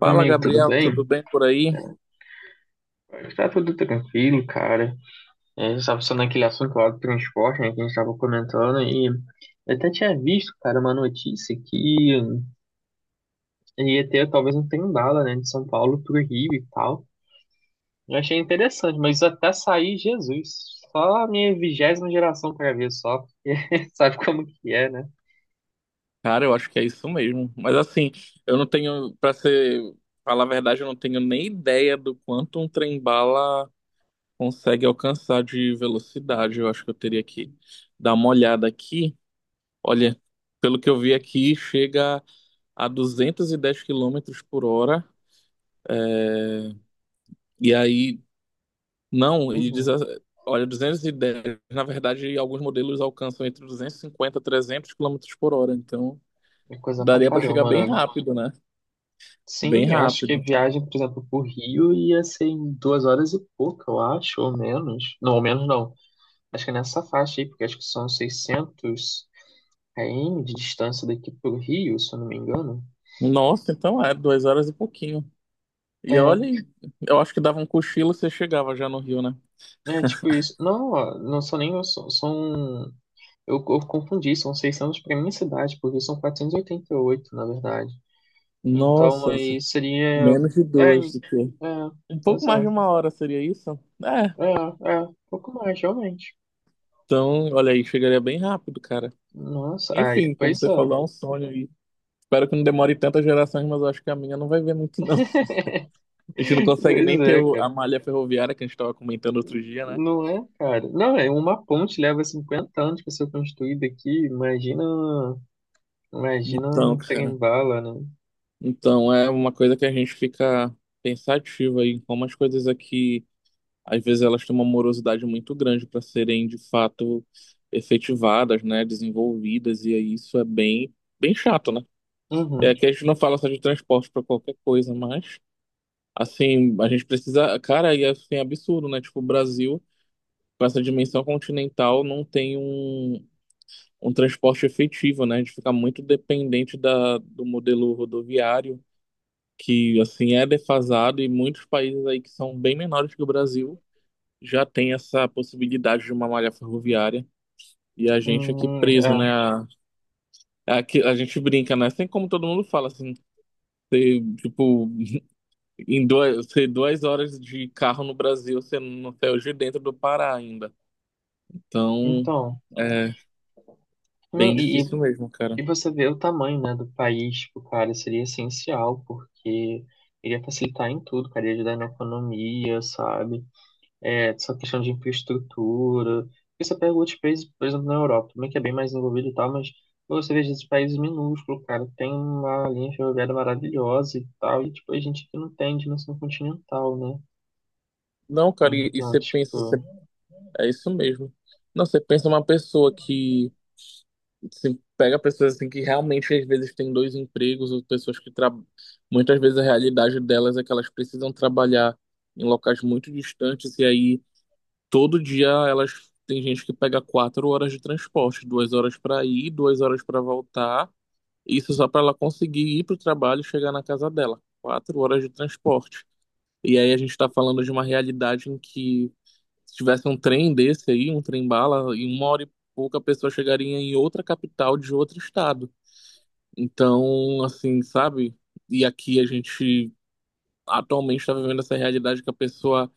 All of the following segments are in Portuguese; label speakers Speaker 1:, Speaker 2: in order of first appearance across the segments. Speaker 1: Meu
Speaker 2: Fala,
Speaker 1: amigo, tudo
Speaker 2: Gabriel, tudo
Speaker 1: bem?
Speaker 2: bem por aí?
Speaker 1: Tá tudo tranquilo, cara. A gente estava falando naquele assunto lá do transporte, né, que a gente estava comentando, e eu até tinha visto, cara, uma notícia que ia ter talvez um trem bala, né, de São Paulo pro Rio e tal. Eu achei interessante, mas até sair, Jesus, só a minha 20ª geração pra ver só, porque sabe como que é, né?
Speaker 2: Cara, eu acho que é isso mesmo. Mas assim, eu não tenho, pra ser, falar a verdade, eu não tenho nem ideia do quanto um trem-bala consegue alcançar de velocidade. Eu acho que eu teria que dar uma olhada aqui. Olha, pelo que eu vi aqui, chega a 210 quilômetros por hora. E aí, não, ele diz,
Speaker 1: Uhum.
Speaker 2: olha, 210, na verdade, alguns modelos alcançam entre 250 e 300 quilômetros por hora. Então,
Speaker 1: É coisa pra
Speaker 2: daria pra chegar
Speaker 1: caramba,
Speaker 2: bem
Speaker 1: né?
Speaker 2: rápido, né? Bem
Speaker 1: Sim, eu acho que a
Speaker 2: rápido.
Speaker 1: viagem, por exemplo, pro Rio ia ser em 2 horas e pouco, eu acho, ou menos. Não, ou menos não. Acho que é nessa faixa aí, porque acho que são 600 km de distância daqui pro Rio, se eu não me engano.
Speaker 2: Nossa, então é duas horas e pouquinho. E olha,
Speaker 1: É,
Speaker 2: aí, eu acho que dava um cochilo e você chegava já no Rio, né?
Speaker 1: é tipo isso. Não, ó, não são nem. Eu confundi, são 600 para minha cidade, porque são quatrocentos e oitenta e oito, na verdade. Então
Speaker 2: Nossa,
Speaker 1: aí seria.
Speaker 2: menos de
Speaker 1: É,
Speaker 2: duas do que.
Speaker 1: é,
Speaker 2: Um pouco mais de
Speaker 1: exato.
Speaker 2: uma hora seria isso? É.
Speaker 1: É, pouco mais, realmente.
Speaker 2: Então, olha aí, chegaria bem rápido, cara.
Speaker 1: Nossa, ai,
Speaker 2: Enfim, como
Speaker 1: pois
Speaker 2: você
Speaker 1: é.
Speaker 2: falou, é um sonho aí. Espero que não demore tantas gerações, mas eu acho que a minha não vai ver muito, não. A gente não consegue
Speaker 1: Pois
Speaker 2: nem ter
Speaker 1: é, cara.
Speaker 2: a malha ferroviária que a gente estava comentando outro dia, né?
Speaker 1: Não é, cara? Não, é uma ponte leva 50 anos para ser construída aqui. Imagina, imagina
Speaker 2: Então,
Speaker 1: um
Speaker 2: cara.
Speaker 1: trem-bala, né?
Speaker 2: Então, é uma coisa que a gente fica pensativo aí, como as coisas aqui. Às vezes elas têm uma morosidade muito grande para serem de fato efetivadas, né, desenvolvidas, e aí isso é bem, bem chato, né? É
Speaker 1: Uhum.
Speaker 2: que a gente não fala só de transporte para qualquer coisa, mas assim, a gente precisa, cara, e assim, é assim, absurdo, né? Tipo, o Brasil, com essa dimensão continental, não tem um, um transporte efetivo, né? A gente fica muito dependente do modelo rodoviário, que assim é defasado, e muitos países aí que são bem menores que o Brasil já tem essa possibilidade de uma malha ferroviária e a gente aqui preso,
Speaker 1: É.
Speaker 2: né? A gente brinca, né? Assim como todo mundo fala, assim, você, tipo, você duas horas de carro no Brasil, você não saiu de dentro do Pará ainda. Então,
Speaker 1: Então,
Speaker 2: é
Speaker 1: não,
Speaker 2: bem
Speaker 1: e, e
Speaker 2: difícil mesmo, cara.
Speaker 1: e você vê o tamanho, né, do país, tipo, cara, seria essencial, porque iria facilitar em tudo, cara, ia ajudar na economia, sabe? É, essa questão de infraestrutura. Porque você pega outros países, por exemplo, na Europa, também que é bem mais envolvido e tal, mas quando você vê esses países minúsculos, cara, tem uma linha ferroviária maravilhosa e tal, e tipo, a gente que não tem dimensão continental, né?
Speaker 2: Não, cara, e
Speaker 1: Então,
Speaker 2: você pensa,
Speaker 1: tipo,
Speaker 2: é isso mesmo. Não, você pensa uma pessoa que você pega pessoas assim que realmente às vezes têm dois empregos, ou pessoas que muitas vezes a realidade delas é que elas precisam trabalhar em locais muito distantes e aí todo dia elas tem gente que pega quatro horas de transporte, duas horas para ir, duas horas para voltar, isso só para ela conseguir ir para o trabalho e chegar na casa dela, quatro horas de transporte. E aí a gente está falando de uma realidade em que se tivesse um trem desse aí, um trem bala, em uma hora e pouca a pessoa chegaria em outra capital de outro estado. Então, assim, sabe? E aqui a gente atualmente está vivendo essa realidade que a pessoa,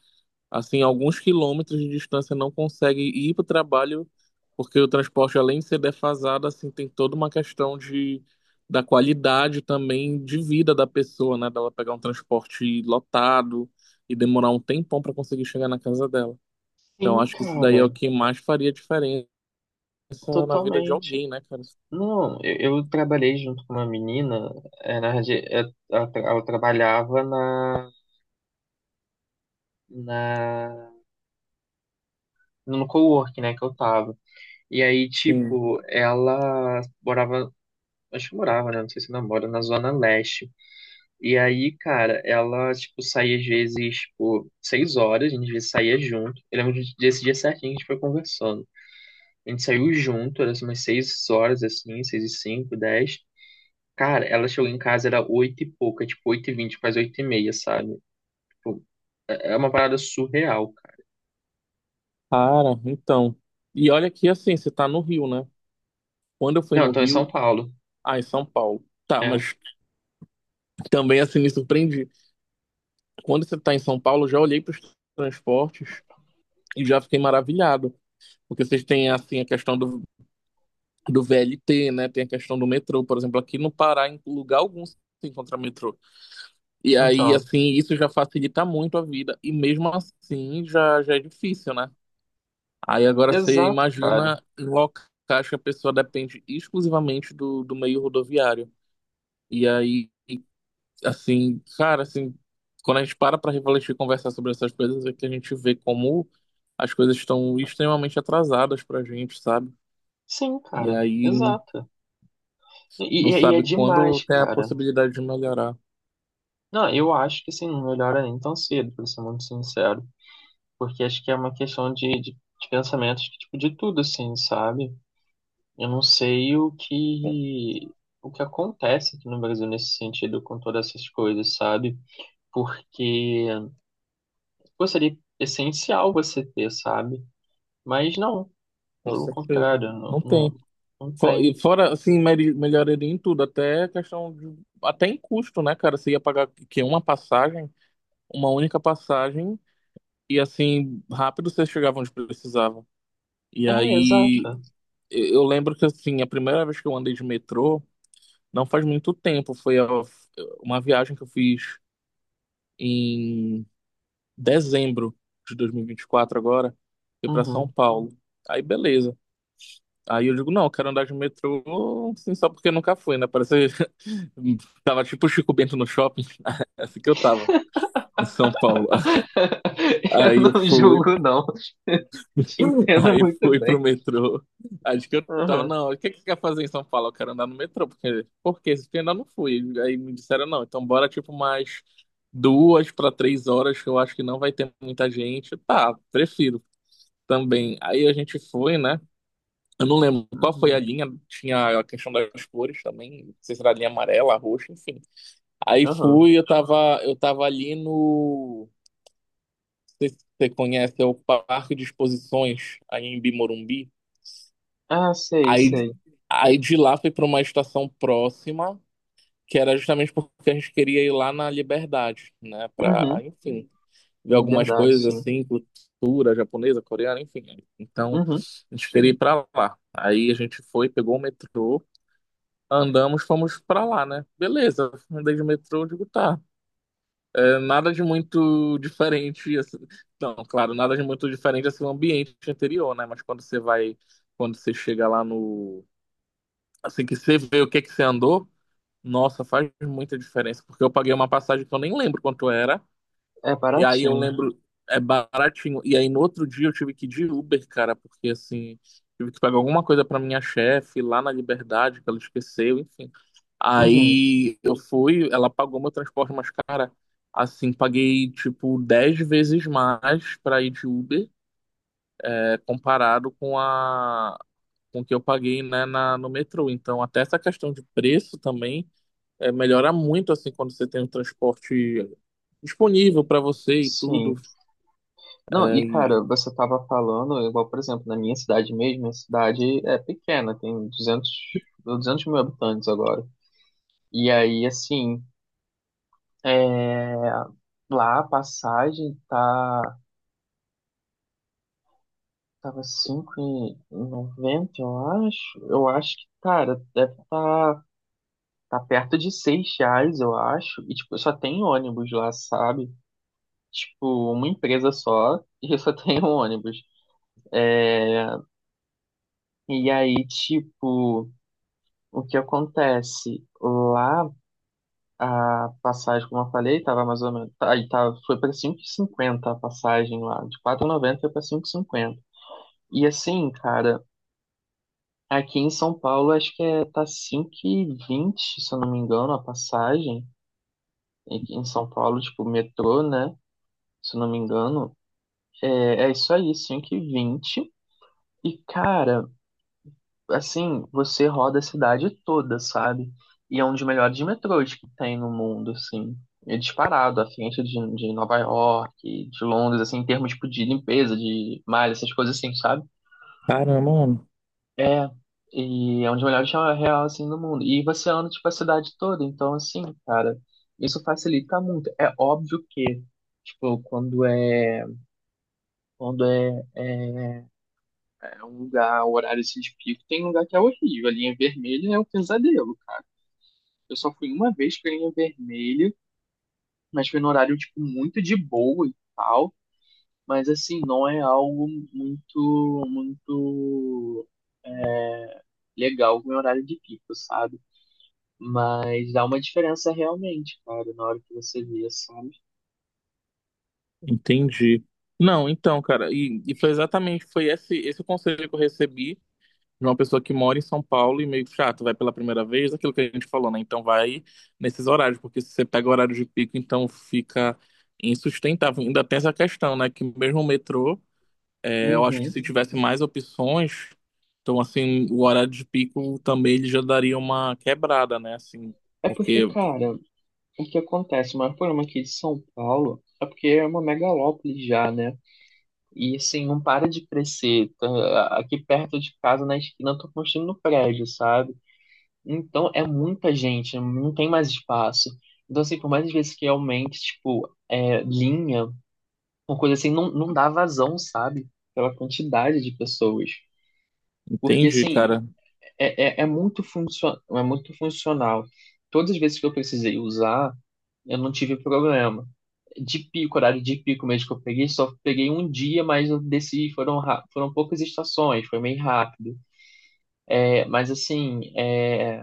Speaker 2: assim, a alguns quilômetros de distância não consegue ir para o trabalho, porque o transporte, além de ser defasado, assim, tem toda uma questão de, da qualidade também de vida da pessoa, né? Dela pegar um transporte lotado e demorar um tempão para conseguir chegar na casa dela. Então,
Speaker 1: sim,
Speaker 2: acho que isso daí é
Speaker 1: cara,
Speaker 2: o que mais faria diferença na vida de
Speaker 1: totalmente.
Speaker 2: alguém, né, cara?
Speaker 1: Não, eu trabalhei junto com uma menina, é, na, radi- é, ela, ela trabalhava na, no cowork, né, que eu tava. E aí,
Speaker 2: Sim.
Speaker 1: tipo, ela morava acho que morava, né? Não sei se ainda mora, na Zona Leste. E aí, cara, ela, tipo, saía às vezes, tipo, 6 horas, a gente às vezes saía junto. Eu lembro desse dia certinho, a gente foi conversando. A gente saiu junto, era assim, umas 6 horas, assim, seis e cinco, dez. Cara, ela chegou em casa, era oito e pouca, tipo, 8h20, quase 8h30, sabe? Tipo, é uma parada surreal, cara.
Speaker 2: Cara, então. E olha que assim, você tá no Rio, né? Quando eu fui
Speaker 1: Não,
Speaker 2: no
Speaker 1: então em São
Speaker 2: Rio,
Speaker 1: Paulo.
Speaker 2: ah, em São Paulo. Tá,
Speaker 1: É,
Speaker 2: mas também assim me surpreendi. Quando você tá em São Paulo, eu já olhei para os transportes e já fiquei maravilhado. Porque vocês têm assim a questão do, do VLT, né? Tem a questão do metrô. Por exemplo, aqui no Pará, em lugar algum você encontra metrô. E aí,
Speaker 1: então,
Speaker 2: assim, isso já facilita muito a vida. E mesmo assim já, já é difícil, né? Aí agora você
Speaker 1: exato, cara.
Speaker 2: imagina em locais que a pessoa depende exclusivamente do, do meio rodoviário. E aí, assim, cara, assim, quando a gente para para refletir e conversar sobre essas coisas, é que a gente vê como as coisas estão extremamente atrasadas pra gente, sabe?
Speaker 1: Sim,
Speaker 2: E
Speaker 1: cara,
Speaker 2: aí
Speaker 1: exato. E,
Speaker 2: não
Speaker 1: e, é
Speaker 2: sabe quando
Speaker 1: demais,
Speaker 2: tem a
Speaker 1: cara.
Speaker 2: possibilidade de melhorar.
Speaker 1: Não, eu acho que assim, não melhora nem tão cedo, pra ser muito sincero. Porque acho que é uma questão de pensamentos, de, tipo, de tudo, assim, sabe? Eu não sei o que acontece aqui no Brasil nesse sentido, com todas essas coisas, sabe? Porque pô, seria essencial você ter, sabe? Mas não,
Speaker 2: Com
Speaker 1: pelo
Speaker 2: certeza.
Speaker 1: contrário, não,
Speaker 2: Não tem.
Speaker 1: não, não
Speaker 2: E
Speaker 1: tem.
Speaker 2: fora, assim, melhoraria em tudo, até questão de, até em custo, né, cara? Você ia pagar que uma passagem, uma única passagem. E assim, rápido vocês chegavam onde precisavam. E
Speaker 1: É,
Speaker 2: aí,
Speaker 1: exato.
Speaker 2: eu lembro que assim, a primeira vez que eu andei de metrô, não faz muito tempo, foi uma viagem que eu fiz em dezembro de dois mil e vinte e quatro agora, fui para São
Speaker 1: Uhum.
Speaker 2: Paulo. Aí beleza. Aí eu digo, não, eu quero andar de metrô, assim, só porque nunca fui, né? Parece tava tipo Chico Bento no shopping, é assim que eu tava em São Paulo.
Speaker 1: Eu
Speaker 2: Aí eu
Speaker 1: não
Speaker 2: fui,
Speaker 1: julgo, não. Te entendo
Speaker 2: aí
Speaker 1: muito
Speaker 2: fui pro
Speaker 1: bem.
Speaker 2: metrô. Acho que eu tava,
Speaker 1: Uhum.
Speaker 2: não, o que que quer fazer em São Paulo? Eu quero andar no metrô, porque, porque eu ainda não fui. Aí me disseram, não, então bora tipo mais duas para três horas, que eu acho que não vai ter muita gente. Tá, prefiro também. Aí a gente foi, né? Eu não lembro qual foi a
Speaker 1: Uhum.
Speaker 2: linha, tinha a questão das cores também, não sei se era a linha amarela, roxa, enfim. Aí
Speaker 1: Uhum.
Speaker 2: fui, eu tava ali no. Não sei se você conhece, é o Parque de Exposições, aí em Bimorumbi.
Speaker 1: Ah, sei,
Speaker 2: Aí,
Speaker 1: sei.
Speaker 2: aí de lá foi para uma estação próxima, que era justamente porque a gente queria ir lá na Liberdade, né? Para,
Speaker 1: Uhum.
Speaker 2: enfim, ver algumas
Speaker 1: Verdade,
Speaker 2: coisas
Speaker 1: sim.
Speaker 2: assim, cultura japonesa, coreana, enfim. Então,
Speaker 1: Uhum.
Speaker 2: a gente queria ir para lá. Aí a gente foi, pegou o metrô, andamos, fomos para lá, né? Beleza, andei de metrô, digo, tá. É, nada de muito diferente, assim. Não, claro, nada de muito diferente assim, o ambiente anterior, né? Mas quando você vai, quando você chega lá no assim que você vê o que é que você andou, nossa, faz muita diferença, porque eu paguei uma passagem que eu nem lembro quanto era,
Speaker 1: É
Speaker 2: e aí eu
Speaker 1: baratinho.
Speaker 2: lembro, é baratinho, e aí no outro dia eu tive que ir de Uber, cara, porque assim, tive que pagar alguma coisa pra minha chefe lá na Liberdade, que ela esqueceu, enfim.
Speaker 1: Uhum.
Speaker 2: Aí eu fui, ela pagou meu transporte, mas cara, assim, paguei tipo 10 vezes mais pra ir de Uber, é, comparado com a com o que eu paguei, né, na, no metrô. Então, até essa questão de preço também é, melhora muito assim quando você tem o transporte disponível para você e tudo.
Speaker 1: Sim. Não,
Speaker 2: É,
Speaker 1: e cara, você tava falando, igual, por exemplo, na minha cidade mesmo, minha cidade é pequena, tem 200, 200 mil habitantes agora. E aí, assim, é, lá a passagem tava 5,90 eu acho. Eu acho que, cara, deve estar. Tá perto de 6 reais, eu acho. E, tipo, só tem ônibus lá, sabe? Tipo, uma empresa só e só tem um ônibus. E aí, tipo, o que acontece? Lá, a passagem, como eu falei, tava mais ou menos... Aí tá, foi pra 5,50 a passagem lá. De 4,90 foi pra cinco e cinquenta e assim, cara, aqui em São Paulo, acho que é, tá 5,20 se eu não me engano, a passagem. Aqui em São Paulo, tipo, metrô, né? Se eu não me engano. É, é isso aí, 5 h vinte. E, cara, assim, você roda a cidade toda, sabe? E é um dos melhores metrôs que tem no mundo, assim. É disparado, à frente de Nova York, de Londres, assim, em termos, tipo, de limpeza, de malha, essas coisas assim, sabe?
Speaker 2: caramba, mano,
Speaker 1: É, e é um dos melhores real, assim, do mundo. E você anda, tipo, a cidade toda. Então, assim, cara, isso facilita muito. É óbvio que, tipo, quando é um lugar, o horário assim de pico, tem um lugar que é horrível. A linha vermelha é um pesadelo, cara. Eu só fui uma vez pra linha vermelha, mas foi no horário, tipo, muito de boa e tal. Mas, assim, não é algo muito, muito legal com o horário de pico, sabe? Mas dá uma diferença realmente, cara, na hora que você vê, sabe?
Speaker 2: entendi. Não, então, cara, e foi exatamente, foi esse o conselho que eu recebi de uma pessoa que mora em São Paulo e meio chato, vai pela primeira vez, aquilo que a gente falou, né? Então vai nesses horários, porque se você pega horário de pico, então fica insustentável. Ainda tem essa questão, né? Que mesmo o metrô. É, eu acho que
Speaker 1: Uhum.
Speaker 2: se tivesse mais opções, então assim, o horário de pico também ele já daria uma quebrada, né? Assim,
Speaker 1: É porque,
Speaker 2: porque
Speaker 1: cara, o que acontece? O maior problema aqui de São Paulo é porque é uma megalópole já, né? E assim, não para de crescer. Tá, aqui perto de casa, na esquina, eu tô construindo um prédio, sabe? Então é muita gente, não tem mais espaço. Então, assim, por mais às vezes que aumente, tipo, é, linha, uma coisa assim, não, não dá vazão, sabe? Pela quantidade de pessoas. Porque,
Speaker 2: entendi,
Speaker 1: assim,
Speaker 2: cara.
Speaker 1: é muito funcional. Todas as vezes que eu precisei usar, eu não tive problema. De pico, horário de pico mesmo que eu peguei, só peguei um dia, mas eu desci, foram poucas estações, foi meio rápido. É, mas assim, é,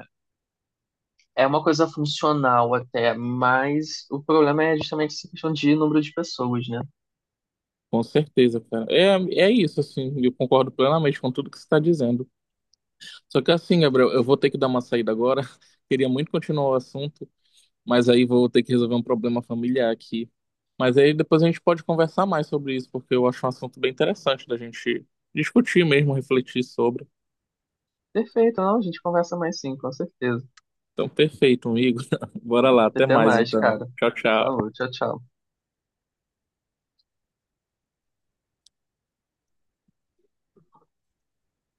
Speaker 1: é uma coisa funcional até, mas o problema é justamente essa questão de número de pessoas, né?
Speaker 2: Com certeza, cara. É, é isso, assim, eu concordo plenamente com tudo que você está dizendo. Só que assim, Gabriel, eu vou ter que dar uma saída agora. Queria muito continuar o assunto, mas aí vou ter que resolver um problema familiar aqui. Mas aí depois a gente pode conversar mais sobre isso, porque eu acho um assunto bem interessante da gente discutir mesmo, refletir sobre.
Speaker 1: Perfeito, não, a gente conversa mais sim, com certeza.
Speaker 2: Então, perfeito, amigo. Bora lá, até
Speaker 1: Até
Speaker 2: mais
Speaker 1: mais,
Speaker 2: então.
Speaker 1: cara.
Speaker 2: Tchau, tchau.
Speaker 1: Falou, tchau, tchau.